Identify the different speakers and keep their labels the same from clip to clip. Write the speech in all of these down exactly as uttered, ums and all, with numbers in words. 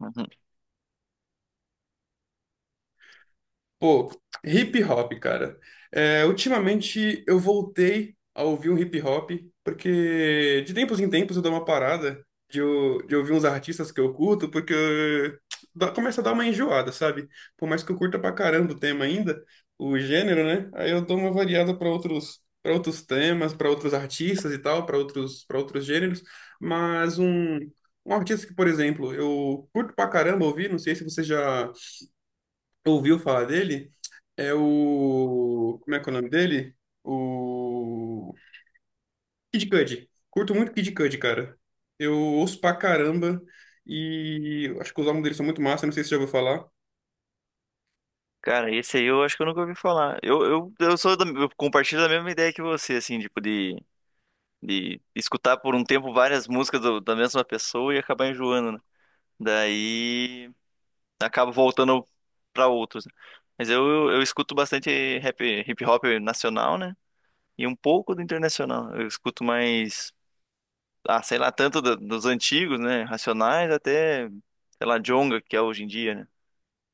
Speaker 1: Uhum.
Speaker 2: Pô, hip hop, cara. É, ultimamente eu voltei a ouvir um hip hop, porque de tempos em tempos eu dou uma parada de, eu- de ouvir uns artistas que eu curto, porque eu- dá- começa a dar uma enjoada, sabe? Por mais que eu curta pra caramba o tema ainda, o gênero, né? Aí eu dou uma variada pra outros, para outros temas, pra outros artistas e tal, pra outros, para outros gêneros, mas um. Um artista que, por exemplo, eu curto pra caramba ouvir, não sei se você já ouviu falar dele, é o. Como é que é o nome dele? O. Kid Cudi. Curto muito Kid Cudi, cara. Eu ouço pra caramba e acho que os álbuns dele são muito massa, não sei se você já ouviu falar.
Speaker 1: Cara, esse aí eu acho que eu nunca ouvi falar. Eu, eu, eu sou da, eu compartilho da mesma ideia que você, assim, tipo, de, de escutar por um tempo várias músicas do- da mesma pessoa e acabar enjoando, né? Daí acabo voltando pra outros. Né? Mas eu, eu, eu escuto bastante rap, hip hop nacional, né? E um pouco do internacional. Eu escuto mais, ah, sei lá, tanto do- dos antigos, né? Racionais até, sei lá, Djonga, que é hoje em dia, né?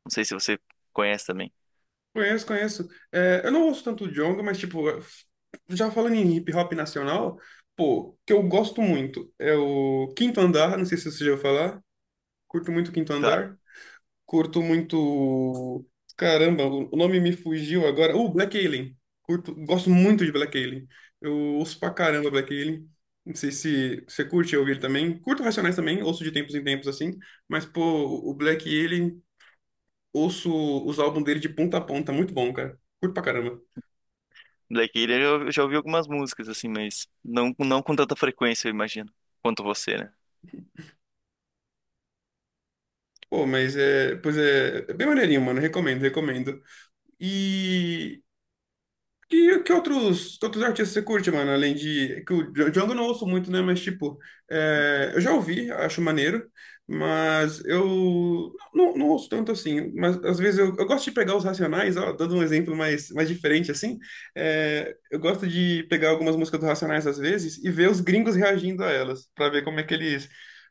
Speaker 1: Não sei se você conhece também.
Speaker 2: Conheço, conheço. É, eu não ouço tanto o Djonga, mas, tipo, já falando em hip hop nacional, pô, que eu gosto muito é o Quinto Andar, não sei se você já ouviu falar. Curto muito o Quinto
Speaker 1: Tá,
Speaker 2: Andar. Curto muito. Caramba, o o nome me fugiu agora. Uh, Black Alien. Curto, gosto muito de Black Alien. Eu ouço pra caramba Black Alien. Não sei se você curte ouvir também. Curto Racionais também, ouço de tempos em tempos assim. Mas, pô, o Black Alien, ouço os álbuns dele de ponta a ponta. Muito bom, cara. Curto pra caramba.
Speaker 1: Black Alien eu já ouvi algumas músicas, assim, mas não, não com tanta frequência, eu imagino, quanto você, né?
Speaker 2: Pô, mas é. Pois é, é bem maneirinho, mano. Recomendo, recomendo. E. Que, que outros, que outros artistas você curte, mano? Além de. É Que o Dja- Django eu não ouço muito, né? Mas, tipo, é, eu já ouvi, acho maneiro, mas eu não, não ouço tanto assim. Mas às vezes eu, eu gosto de pegar os Racionais, ó, dando um exemplo mais, mais diferente, assim. É, eu gosto de pegar algumas músicas dos Racionais às vezes e ver os gringos reagindo a elas, pra ver como é que eles.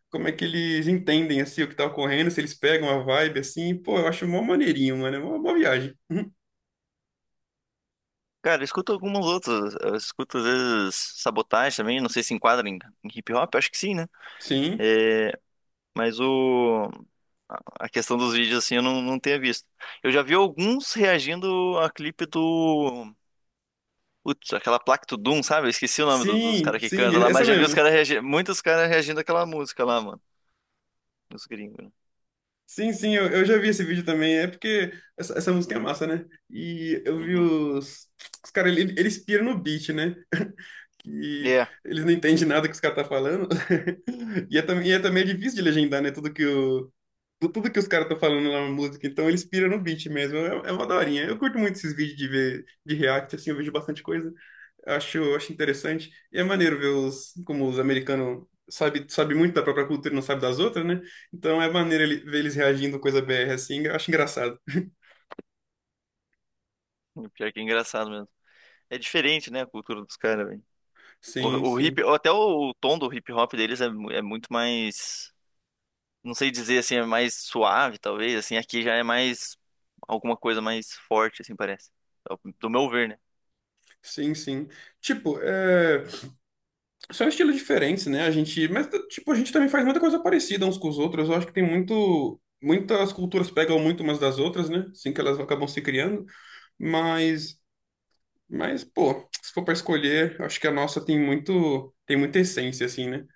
Speaker 2: Como é que eles entendem, assim, o que tá ocorrendo, se eles pegam a vibe, assim. Pô, eu acho mó maneirinho, mano. É uma boa viagem. Uhum.
Speaker 1: Cara, eu escuto algumas outras, eu escuto às vezes Sabotagem também, não sei se enquadra em, em hip hop, acho que sim, né?
Speaker 2: Sim.
Speaker 1: É, mas o... A questão dos vídeos, assim, eu não, não tenho visto. Eu já vi alguns reagindo a clipe do... Putz, aquela placa do Doom, sabe? Eu esqueci o nome do- dos
Speaker 2: Sim,
Speaker 1: caras que
Speaker 2: sim,
Speaker 1: cantam lá,
Speaker 2: essa
Speaker 1: mas já vi os
Speaker 2: mesmo.
Speaker 1: caras reagindo... Muitos caras reagindo àquela música lá, mano. Dos gringos, né?
Speaker 2: Sim, sim, eu, eu já vi esse vídeo também. É porque essa, essa música é massa, né? E eu vi
Speaker 1: Uhum.
Speaker 2: os, os caras, ele- eles piram no beat, né? Que
Speaker 1: É.
Speaker 2: eles não entendem nada que os caras tá falando. E é, também- e é também difícil de legendar, né? Tudo que, Tu- Tudo que os caras estão falando lá na música, então eles piram no beat mesmo. É, é uma daorinha. Eu curto muito esses vídeos de ver de react, assim, eu vejo bastante coisa. Acho, acho interessante. E é maneiro ver os, como os americanos sabe, sabe muito da própria cultura e não sabe das outras, né? Então é maneiro ele- ver eles reagindo coisa B R assim, eu acho engraçado.
Speaker 1: o Pior que é engraçado mesmo. É diferente, né? A cultura dos caras, velho.
Speaker 2: Sim,
Speaker 1: O, o hip...
Speaker 2: sim.
Speaker 1: Até o, o tom do hip hop deles é, mu- é muito mais... não sei dizer assim, é mais suave, talvez, assim, aqui já é mais alguma coisa mais forte, assim, parece. Do meu ver, né?
Speaker 2: Sim, sim. Tipo, é... são estilos diferentes, né? A gente, mas, tipo, a gente também faz muita coisa parecida uns com os outros. Eu acho que tem muito muitas culturas pegam muito umas das outras, né? Assim que elas acabam se criando. Mas, mas, pô, se for para escolher, acho que a nossa tem muito, tem muita essência, assim, né?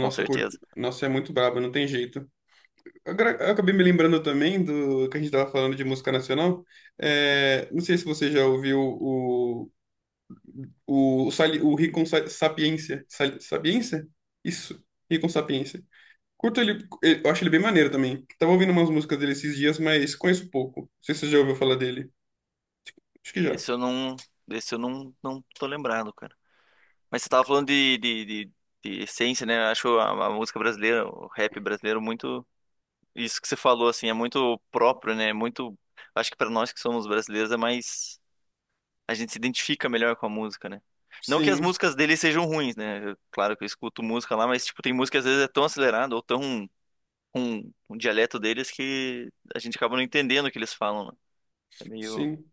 Speaker 1: Com
Speaker 2: cu-
Speaker 1: certeza.
Speaker 2: nossa é muito braba, não tem jeito. Agora, eu acabei me lembrando também do que a gente estava falando de música nacional. É, não sei se você já ouviu o, o, o, Sali- o Rincon Sa- Sapiência. Sali- Sapiência? Isso, Rincon Sapiência. Curto ele, eu acho ele bem maneiro também. Tava ouvindo umas músicas dele esses dias, mas conheço pouco. Não sei se você já ouviu falar dele. Acho que já.
Speaker 1: Esse eu não, esse eu não, não tô lembrado, cara. Mas você tava falando de, de, de, de essência, né? Eu acho a, a música brasileira, o rap brasileiro muito isso que você falou assim, é muito próprio, né? Muito, acho que pra nós que somos brasileiros é mais a gente se identifica melhor com a música, né? Não que as
Speaker 2: Sim.
Speaker 1: músicas dele sejam ruins, né? Eu- claro que eu escuto música lá, mas tipo, tem música que às vezes é tão acelerada ou tão um, um dialeto deles que a gente acaba não entendendo o que eles falam, né? É meio.
Speaker 2: Sim.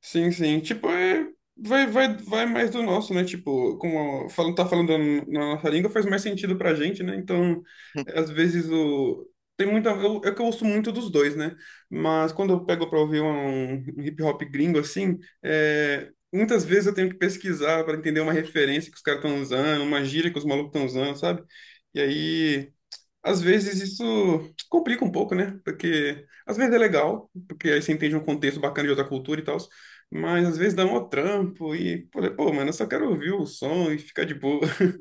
Speaker 2: Sim, sim. Tipo, é, vai, vai, vai mais do nosso, né? Tipo, como falando, tá falando na nossa língua, faz mais sentido pra gente, né? Então, às vezes o. Tem muita. Eu, é que eu ouço muito dos dois, né? Mas quando eu pego pra ouvir um, um hip hop gringo assim, é, muitas vezes eu tenho que pesquisar para entender uma referência que os caras estão usando, uma gíria que os malucos estão usando, sabe? E aí. Às vezes isso complica um pouco, né? Porque às vezes é legal, porque aí você entende um contexto bacana de outra cultura e tal, mas às vezes dá um trampo e, pô, é, pô, mano, eu só quero ouvir o som e ficar de boa.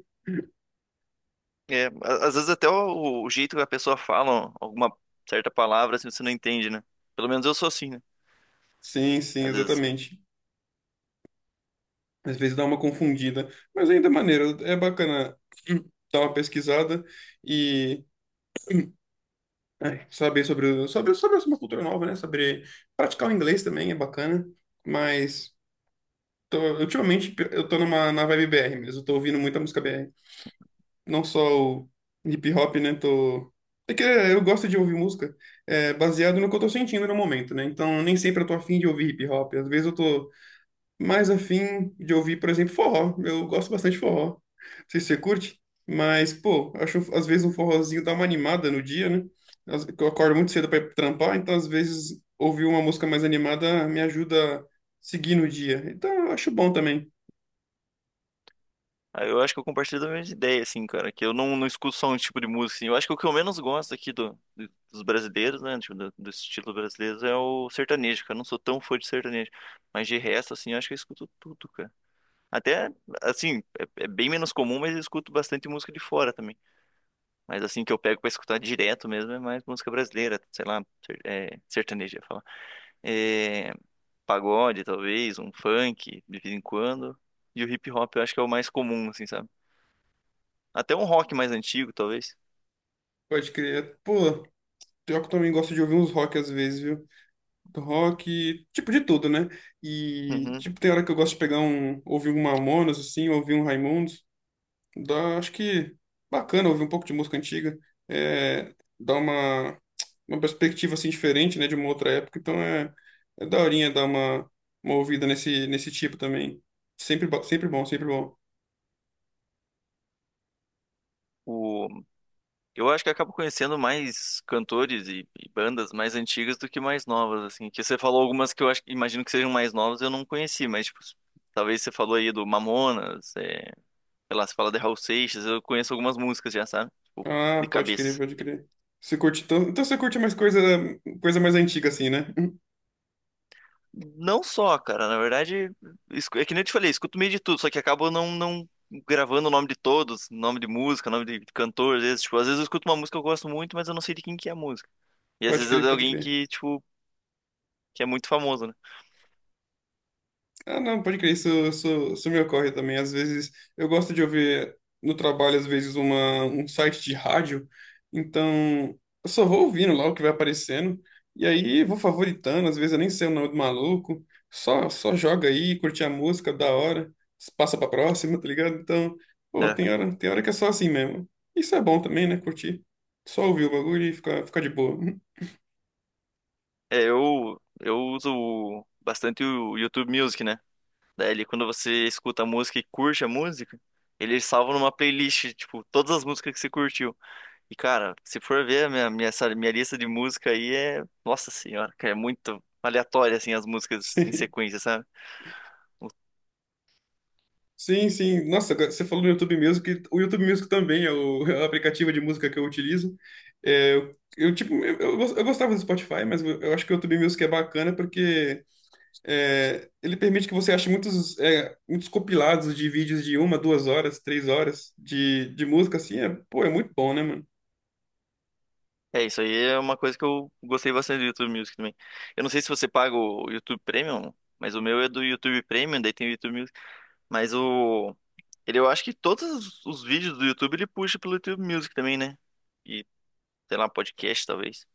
Speaker 1: É, a- às vezes até o, o jeito que a pessoa fala alguma certa palavra, assim, você não entende, né? Pelo menos eu sou assim, né?
Speaker 2: Sim, sim,
Speaker 1: Às vezes,
Speaker 2: exatamente. Às vezes dá uma confundida, mas ainda é maneiro, é bacana dar uma pesquisada e ai, saber sobre, o- sobre, sobre uma cultura nova, né? Saber praticar o inglês também é bacana, mas tô- ultimamente eu tô numa, na vibe B R mesmo, eu tô ouvindo muita música B R. Não só o hip hop, né? Tô... É que eu gosto de ouvir música é, baseado no que eu tô sentindo no momento, né? Então, nem sempre eu tô afim de ouvir hip hop. Às vezes eu tô mais afim de ouvir, por exemplo, forró. Eu gosto bastante de forró. Não sei se você curte, mas, pô, acho às vezes um forrozinho dá uma animada no dia, né? Às- Eu acordo muito cedo para trampar, então às vezes ouvir uma música mais animada me ajuda a seguir no dia. Então, eu acho bom também.
Speaker 1: aí eu acho que eu compartilho da mesma ideia, assim, cara, que eu não, não escuto só um tipo de música, assim. Eu acho que o que eu menos gosto aqui do, do- dos brasileiros, né, tipo, do, do estilo brasileiro é o sertanejo, cara. Eu não sou tão fã de sertanejo, mas de resto, assim, eu acho que eu escuto tudo, cara. Até, assim, é, é bem menos comum, mas eu escuto bastante música de fora também. Mas assim que eu pego pra escutar direto mesmo é mais música brasileira, sei lá, ser- é, sertaneja, falar. É, pagode, talvez, um funk, de vez em quando. E o hip hop eu acho que é o mais comum, assim, sabe? Até um rock mais antigo, talvez.
Speaker 2: Pode crer. Pô, pior que eu também gosto de ouvir uns rock às vezes, viu? Do rock, tipo de tudo, né? E
Speaker 1: Uhum.
Speaker 2: tipo tem hora que eu gosto de pegar um, ouvir um Mamonas assim, ouvir um Raimundos, dá, acho que bacana ouvir um pouco de música antiga, é, dá uma uma perspectiva assim diferente, né, de uma outra época, então é é daorinha dar uma uma ouvida nesse nesse tipo também. Sempre bo- sempre bom, sempre bom.
Speaker 1: O, eu acho que eu acabo conhecendo mais cantores e, e bandas mais antigas do que mais novas, assim. Que você falou algumas que eu acho, imagino que sejam mais novas, eu não conheci, mas tipo, talvez você falou aí do Mamonas, é, sei lá, você fala de Raul Seixas, eu conheço algumas músicas já, sabe? Tipo,
Speaker 2: Ah,
Speaker 1: de
Speaker 2: pode crer,
Speaker 1: cabeça.
Speaker 2: pode crer. Você curte então, então você curte mais coisa coisa mais antiga assim, né?
Speaker 1: Não só, cara. Na verdade, escu- é que nem eu te falei, escuto meio de tudo, só que acabo não, não gravando o nome de todos, nome de música, nome de cantor, às vezes, tipo, às vezes eu escuto uma música que eu gosto muito, mas eu não sei de quem que é a música. E às
Speaker 2: Pode
Speaker 1: vezes é
Speaker 2: crer,
Speaker 1: de
Speaker 2: pode
Speaker 1: alguém
Speaker 2: crer.
Speaker 1: que, tipo, que é muito famoso, né?
Speaker 2: Ah, não, pode crer, isso, isso, isso me ocorre também. Às vezes, eu gosto de ouvir no trabalho, às vezes, uma, um site de rádio, então eu só vou ouvindo lá o que vai aparecendo, e aí vou favoritando, às vezes eu nem sei o nome do maluco, só, só joga aí, curte a música, da hora, passa pra próxima, tá ligado? Então, pô,
Speaker 1: Né?
Speaker 2: tem hora, tem hora que é só assim mesmo. Isso é bom também, né? Curtir. Só ouvir o bagulho e ficar, ficar de boa.
Speaker 1: É, eu, eu uso bastante o YouTube Music, né? Daí ele, quando você escuta a música e curte a música, ele salva numa playlist, tipo, todas as músicas que você curtiu. E, cara, se for ver a minha, minha, essa minha lista de música aí é. Nossa senhora, cara, é muito aleatório, assim, as músicas em sequência, sabe?
Speaker 2: Sim, sim. Nossa, agora você falou no YouTube Music. O YouTube Music também é o, é o aplicativo de música que eu utilizo. É, eu, eu, tipo, eu, eu gos- eu gostava do Spotify, mas eu, eu acho que o YouTube Music é bacana porque é, ele permite que você ache muitos, é, muitos compilados de vídeos de uma, duas horas, três horas de, de música, assim. É, pô, é muito bom, né, mano?
Speaker 1: É, isso aí é uma coisa que eu gostei bastante do YouTube Music também. Eu não sei se você paga o YouTube Premium, mas o meu é do YouTube Premium, daí tem o YouTube Music. Mas o. Ele, eu acho que todos os os vídeos do YouTube ele puxa pelo YouTube Music também, né? E, sei lá, podcast talvez.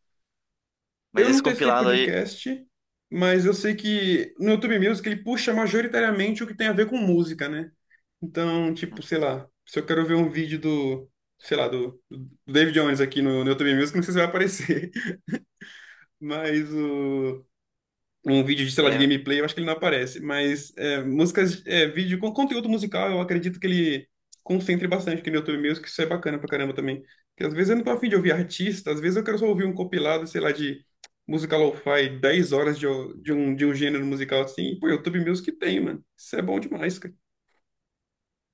Speaker 1: Mas
Speaker 2: Eu não
Speaker 1: esse
Speaker 2: testei
Speaker 1: compilado aí.
Speaker 2: podcast, mas eu sei que no YouTube Music ele puxa majoritariamente o que tem a ver com música, né? Então, tipo, sei lá, se eu quero ver um vídeo do, sei lá, do, do David Jones aqui no, no YouTube Music, não sei se vai aparecer. Mas o um vídeo de, sei lá, de
Speaker 1: É,
Speaker 2: gameplay, eu acho que ele não aparece, mas é, músicas, é, vídeo com conteúdo musical, eu acredito que ele concentre bastante aqui no YouTube Music, isso é bacana pra caramba também. Porque às vezes eu não tô afim de ouvir artista, às vezes eu quero só ouvir um compilado, sei lá, de música lo-fi, dez horas de, o- de um, de um gênero musical assim, e pô, YouTube Music tem, mano. Isso é bom demais, cara.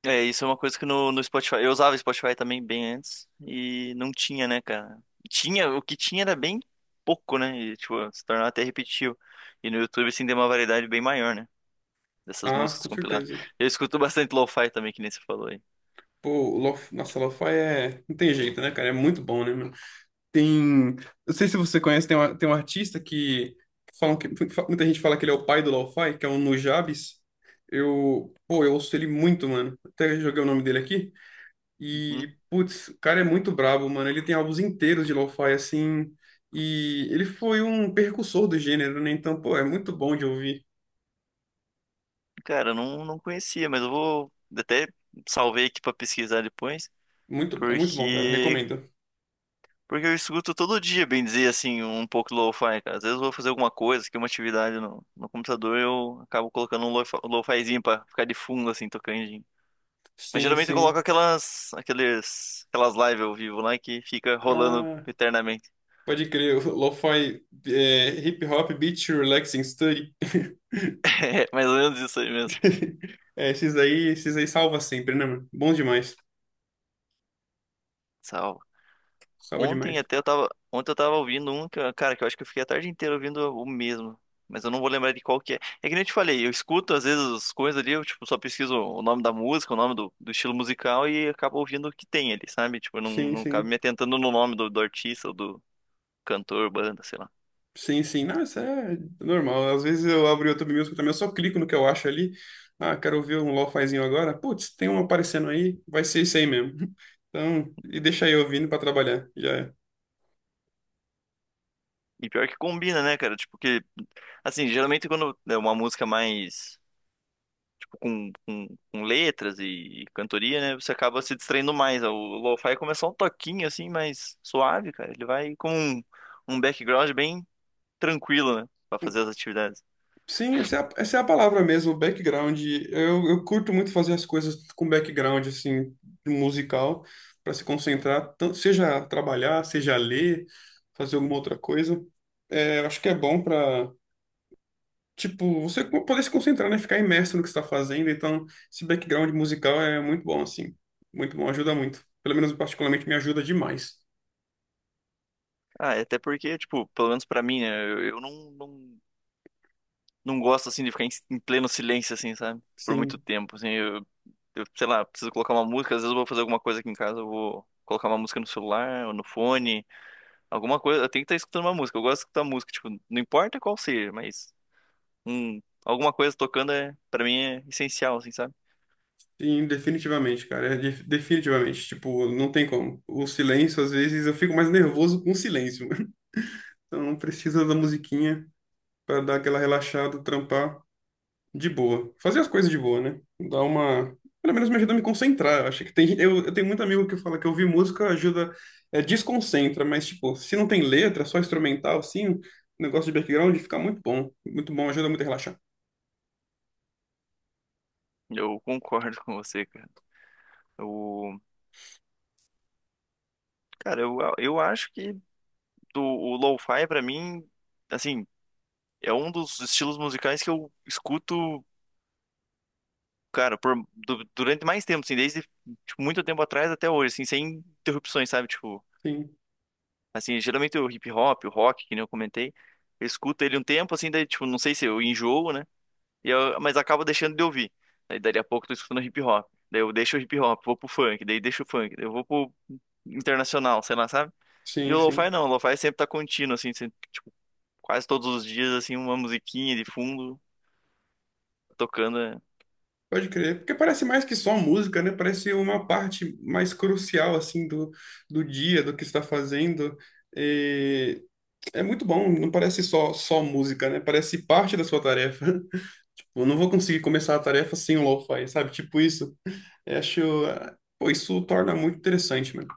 Speaker 1: É, isso é uma coisa que no, no Spotify. Eu usava Spotify também bem antes e não tinha, né, cara? Tinha, o que tinha era bem pouco, né? E, tipo, se tornava até repetitivo. E no YouTube, assim, tem uma variedade bem maior, né? Dessas
Speaker 2: Ah,
Speaker 1: músicas
Speaker 2: com
Speaker 1: compiladas.
Speaker 2: certeza.
Speaker 1: Eu escuto bastante lo-fi também, que nem você falou aí.
Speaker 2: Pô, lo, nossa, lo-fi é... não tem jeito, né, cara? É muito bom, né, mano? Tem. Eu sei se você conhece, tem, uma, tem um artista que, falam que. Muita gente fala que ele é o pai do lo-fi, que é o Nujabes. Eu. Pô, eu ouço ele muito, mano. Até joguei o nome dele aqui.
Speaker 1: Uhum.
Speaker 2: E, putz, o cara é muito brabo, mano. Ele tem álbuns inteiros de lo-fi, assim. E ele foi um precursor do gênero, né? Então, pô, é muito bom de ouvir.
Speaker 1: Cara, eu não, não conhecia, mas eu vou. Até salvei aqui pra pesquisar depois.
Speaker 2: Muito, é muito bom, cara.
Speaker 1: Porque,
Speaker 2: Recomendo.
Speaker 1: porque eu escuto todo dia, bem dizer, assim, um pouco de lo-fi, cara. Às vezes eu vou fazer alguma coisa, que é uma atividade no, no computador, eu acabo colocando um lo-fi- um lo-fizinho pra ficar de fundo, assim, tocando. Mas
Speaker 2: Sim,
Speaker 1: geralmente eu coloco
Speaker 2: sim.
Speaker 1: aquelas, aqueles, aquelas lives ao vivo lá que fica rolando
Speaker 2: Ah,
Speaker 1: eternamente.
Speaker 2: pode crer. O Lo-fi, é, hip hop, beat, relaxing, study.
Speaker 1: É mais ou menos isso aí mesmo.
Speaker 2: É, esses aí, esses aí salva sempre, né, mano? Bom demais. Salva
Speaker 1: Ontem
Speaker 2: demais.
Speaker 1: até eu tava, ontem eu tava ouvindo um, que eu- cara, que eu acho que eu fiquei a tarde inteira ouvindo o mesmo. Mas eu não vou lembrar de qual que é. É que nem eu te falei, eu escuto às vezes as coisas ali, eu tipo, só pesquiso o nome da música, o nome do, do estilo musical e acabo ouvindo o que tem ali, sabe? Tipo, eu não,
Speaker 2: Sim,
Speaker 1: não acabo
Speaker 2: sim.
Speaker 1: me atentando no nome do, do artista ou do cantor, banda, sei lá.
Speaker 2: Sim, sim. Não, isso é normal. Às vezes eu abro o YouTube Music também, eu só clico no que eu acho ali. Ah, quero ouvir um lofazinho agora. Putz, tem um aparecendo aí, vai ser isso aí mesmo. Então, e deixa eu ouvindo pra trabalhar. Já é.
Speaker 1: E pior que combina, né, cara? Tipo, que, assim, geralmente quando é uma música mais tipo, com, com, com letras e, e cantoria, né? Você acaba se distraindo mais. O lo-fi começa só um toquinho assim, mais suave, cara. Ele vai com um, um background bem tranquilo, né? Pra fazer as atividades.
Speaker 2: Sim, essa é a, essa é a palavra mesmo, background. Eu, eu curto muito fazer as coisas com background, assim, musical, para se concentrar, tanto, seja trabalhar, seja ler, fazer alguma outra coisa. É, eu acho que é bom para, tipo, você poder se concentrar, né? Ficar imerso no que você está fazendo. Então, esse background musical é muito bom, assim. Muito bom, ajuda muito. Pelo menos, particularmente, me ajuda demais.
Speaker 1: Ah, é até porque, tipo, pelo menos pra mim, né? Eu, eu não, não, não gosto, assim, de ficar em, em pleno silêncio, assim, sabe? Por muito
Speaker 2: Sim.
Speaker 1: tempo, assim. Eu, eu, sei lá, preciso colocar uma música. Às vezes eu vou fazer alguma coisa aqui em casa, eu vou colocar uma música no celular ou no fone. Alguma coisa, eu tenho que estar escutando uma música. Eu gosto de escutar música, tipo, não importa qual seja, mas um, alguma coisa tocando é, para mim é essencial, assim, sabe?
Speaker 2: Sim, definitivamente, cara. É de- Definitivamente. Tipo, não tem como. O silêncio, às vezes, eu fico mais nervoso com o silêncio. Então, não precisa da musiquinha para dar aquela relaxada, trampar de boa. Fazer as coisas de boa, né? Dar uma. Pelo menos me ajuda a me concentrar. Eu Acho que tem. gente- Eu, eu tenho muito amigo que fala que ouvir música ajuda. É, desconcentra, mas, tipo, se não tem letra, só instrumental, assim, o negócio de background fica muito bom. Muito bom, ajuda muito a relaxar.
Speaker 1: Eu concordo com você, cara. O, cara, eu, eu acho que do, o lo-fi pra mim, assim, é um dos estilos musicais que eu escuto, cara, por, du- durante mais tempo, assim, desde tipo, muito tempo atrás até hoje, assim, sem interrupções, sabe? Tipo,
Speaker 2: Sim,
Speaker 1: assim, geralmente o hip hop, o rock, que nem eu comentei, eu escuto ele um tempo, assim, daí, tipo, não sei se eu enjoo, né? E eu, mas acabo deixando de ouvir. Daí dali a pouco eu tô escutando hip hop. Daí eu deixo o hip hop, vou pro funk, daí deixo o funk, daí eu vou pro internacional, sei lá, sabe? E
Speaker 2: sim,
Speaker 1: o lo-fi
Speaker 2: sim.
Speaker 1: não, o lo-fi sempre tá contínuo, assim, sempre, tipo, quase todos os dias, assim, uma musiquinha de fundo tocando. Né?
Speaker 2: Pode crer, porque parece mais que só música, né? Parece uma parte mais crucial, assim, do, do dia, do que está fazendo. E é muito bom, não parece só, só música, né? Parece parte da sua tarefa. Eu não vou conseguir começar a tarefa sem o lo-fi, sabe? Tipo isso. Eu acho... Pô, isso torna muito interessante, mano.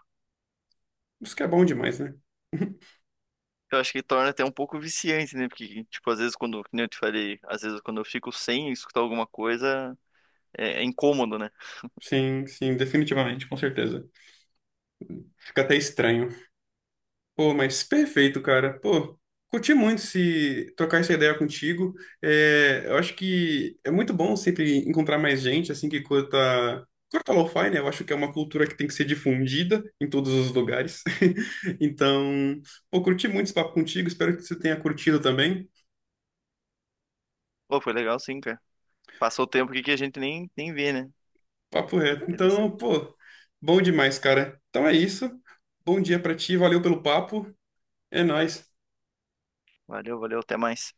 Speaker 2: Isso que é bom demais, né?
Speaker 1: Eu acho que torna até um pouco viciante, né? Porque, tipo, às vezes quando, como eu te falei, às vezes quando eu fico sem escutar alguma coisa, é, é incômodo, né?
Speaker 2: Sim, sim, definitivamente, com certeza. Fica até estranho. Pô, mas perfeito, cara. Pô, curti muito se trocar essa ideia contigo. É, eu acho que é muito bom sempre encontrar mais gente assim que curta, curta lo-fi, né? Eu acho que é uma cultura que tem que ser difundida em todos os lugares. Então, pô, curti muito esse papo contigo. Espero que você tenha curtido também.
Speaker 1: Pô, foi legal sim, cara. Passou o tempo aqui que a gente nem, nem vê, né?
Speaker 2: Papo reto. Então,
Speaker 1: Interessante.
Speaker 2: pô, bom demais, cara. Então é isso. Bom dia pra ti. Valeu pelo papo. É nóis.
Speaker 1: Valeu, valeu, até mais.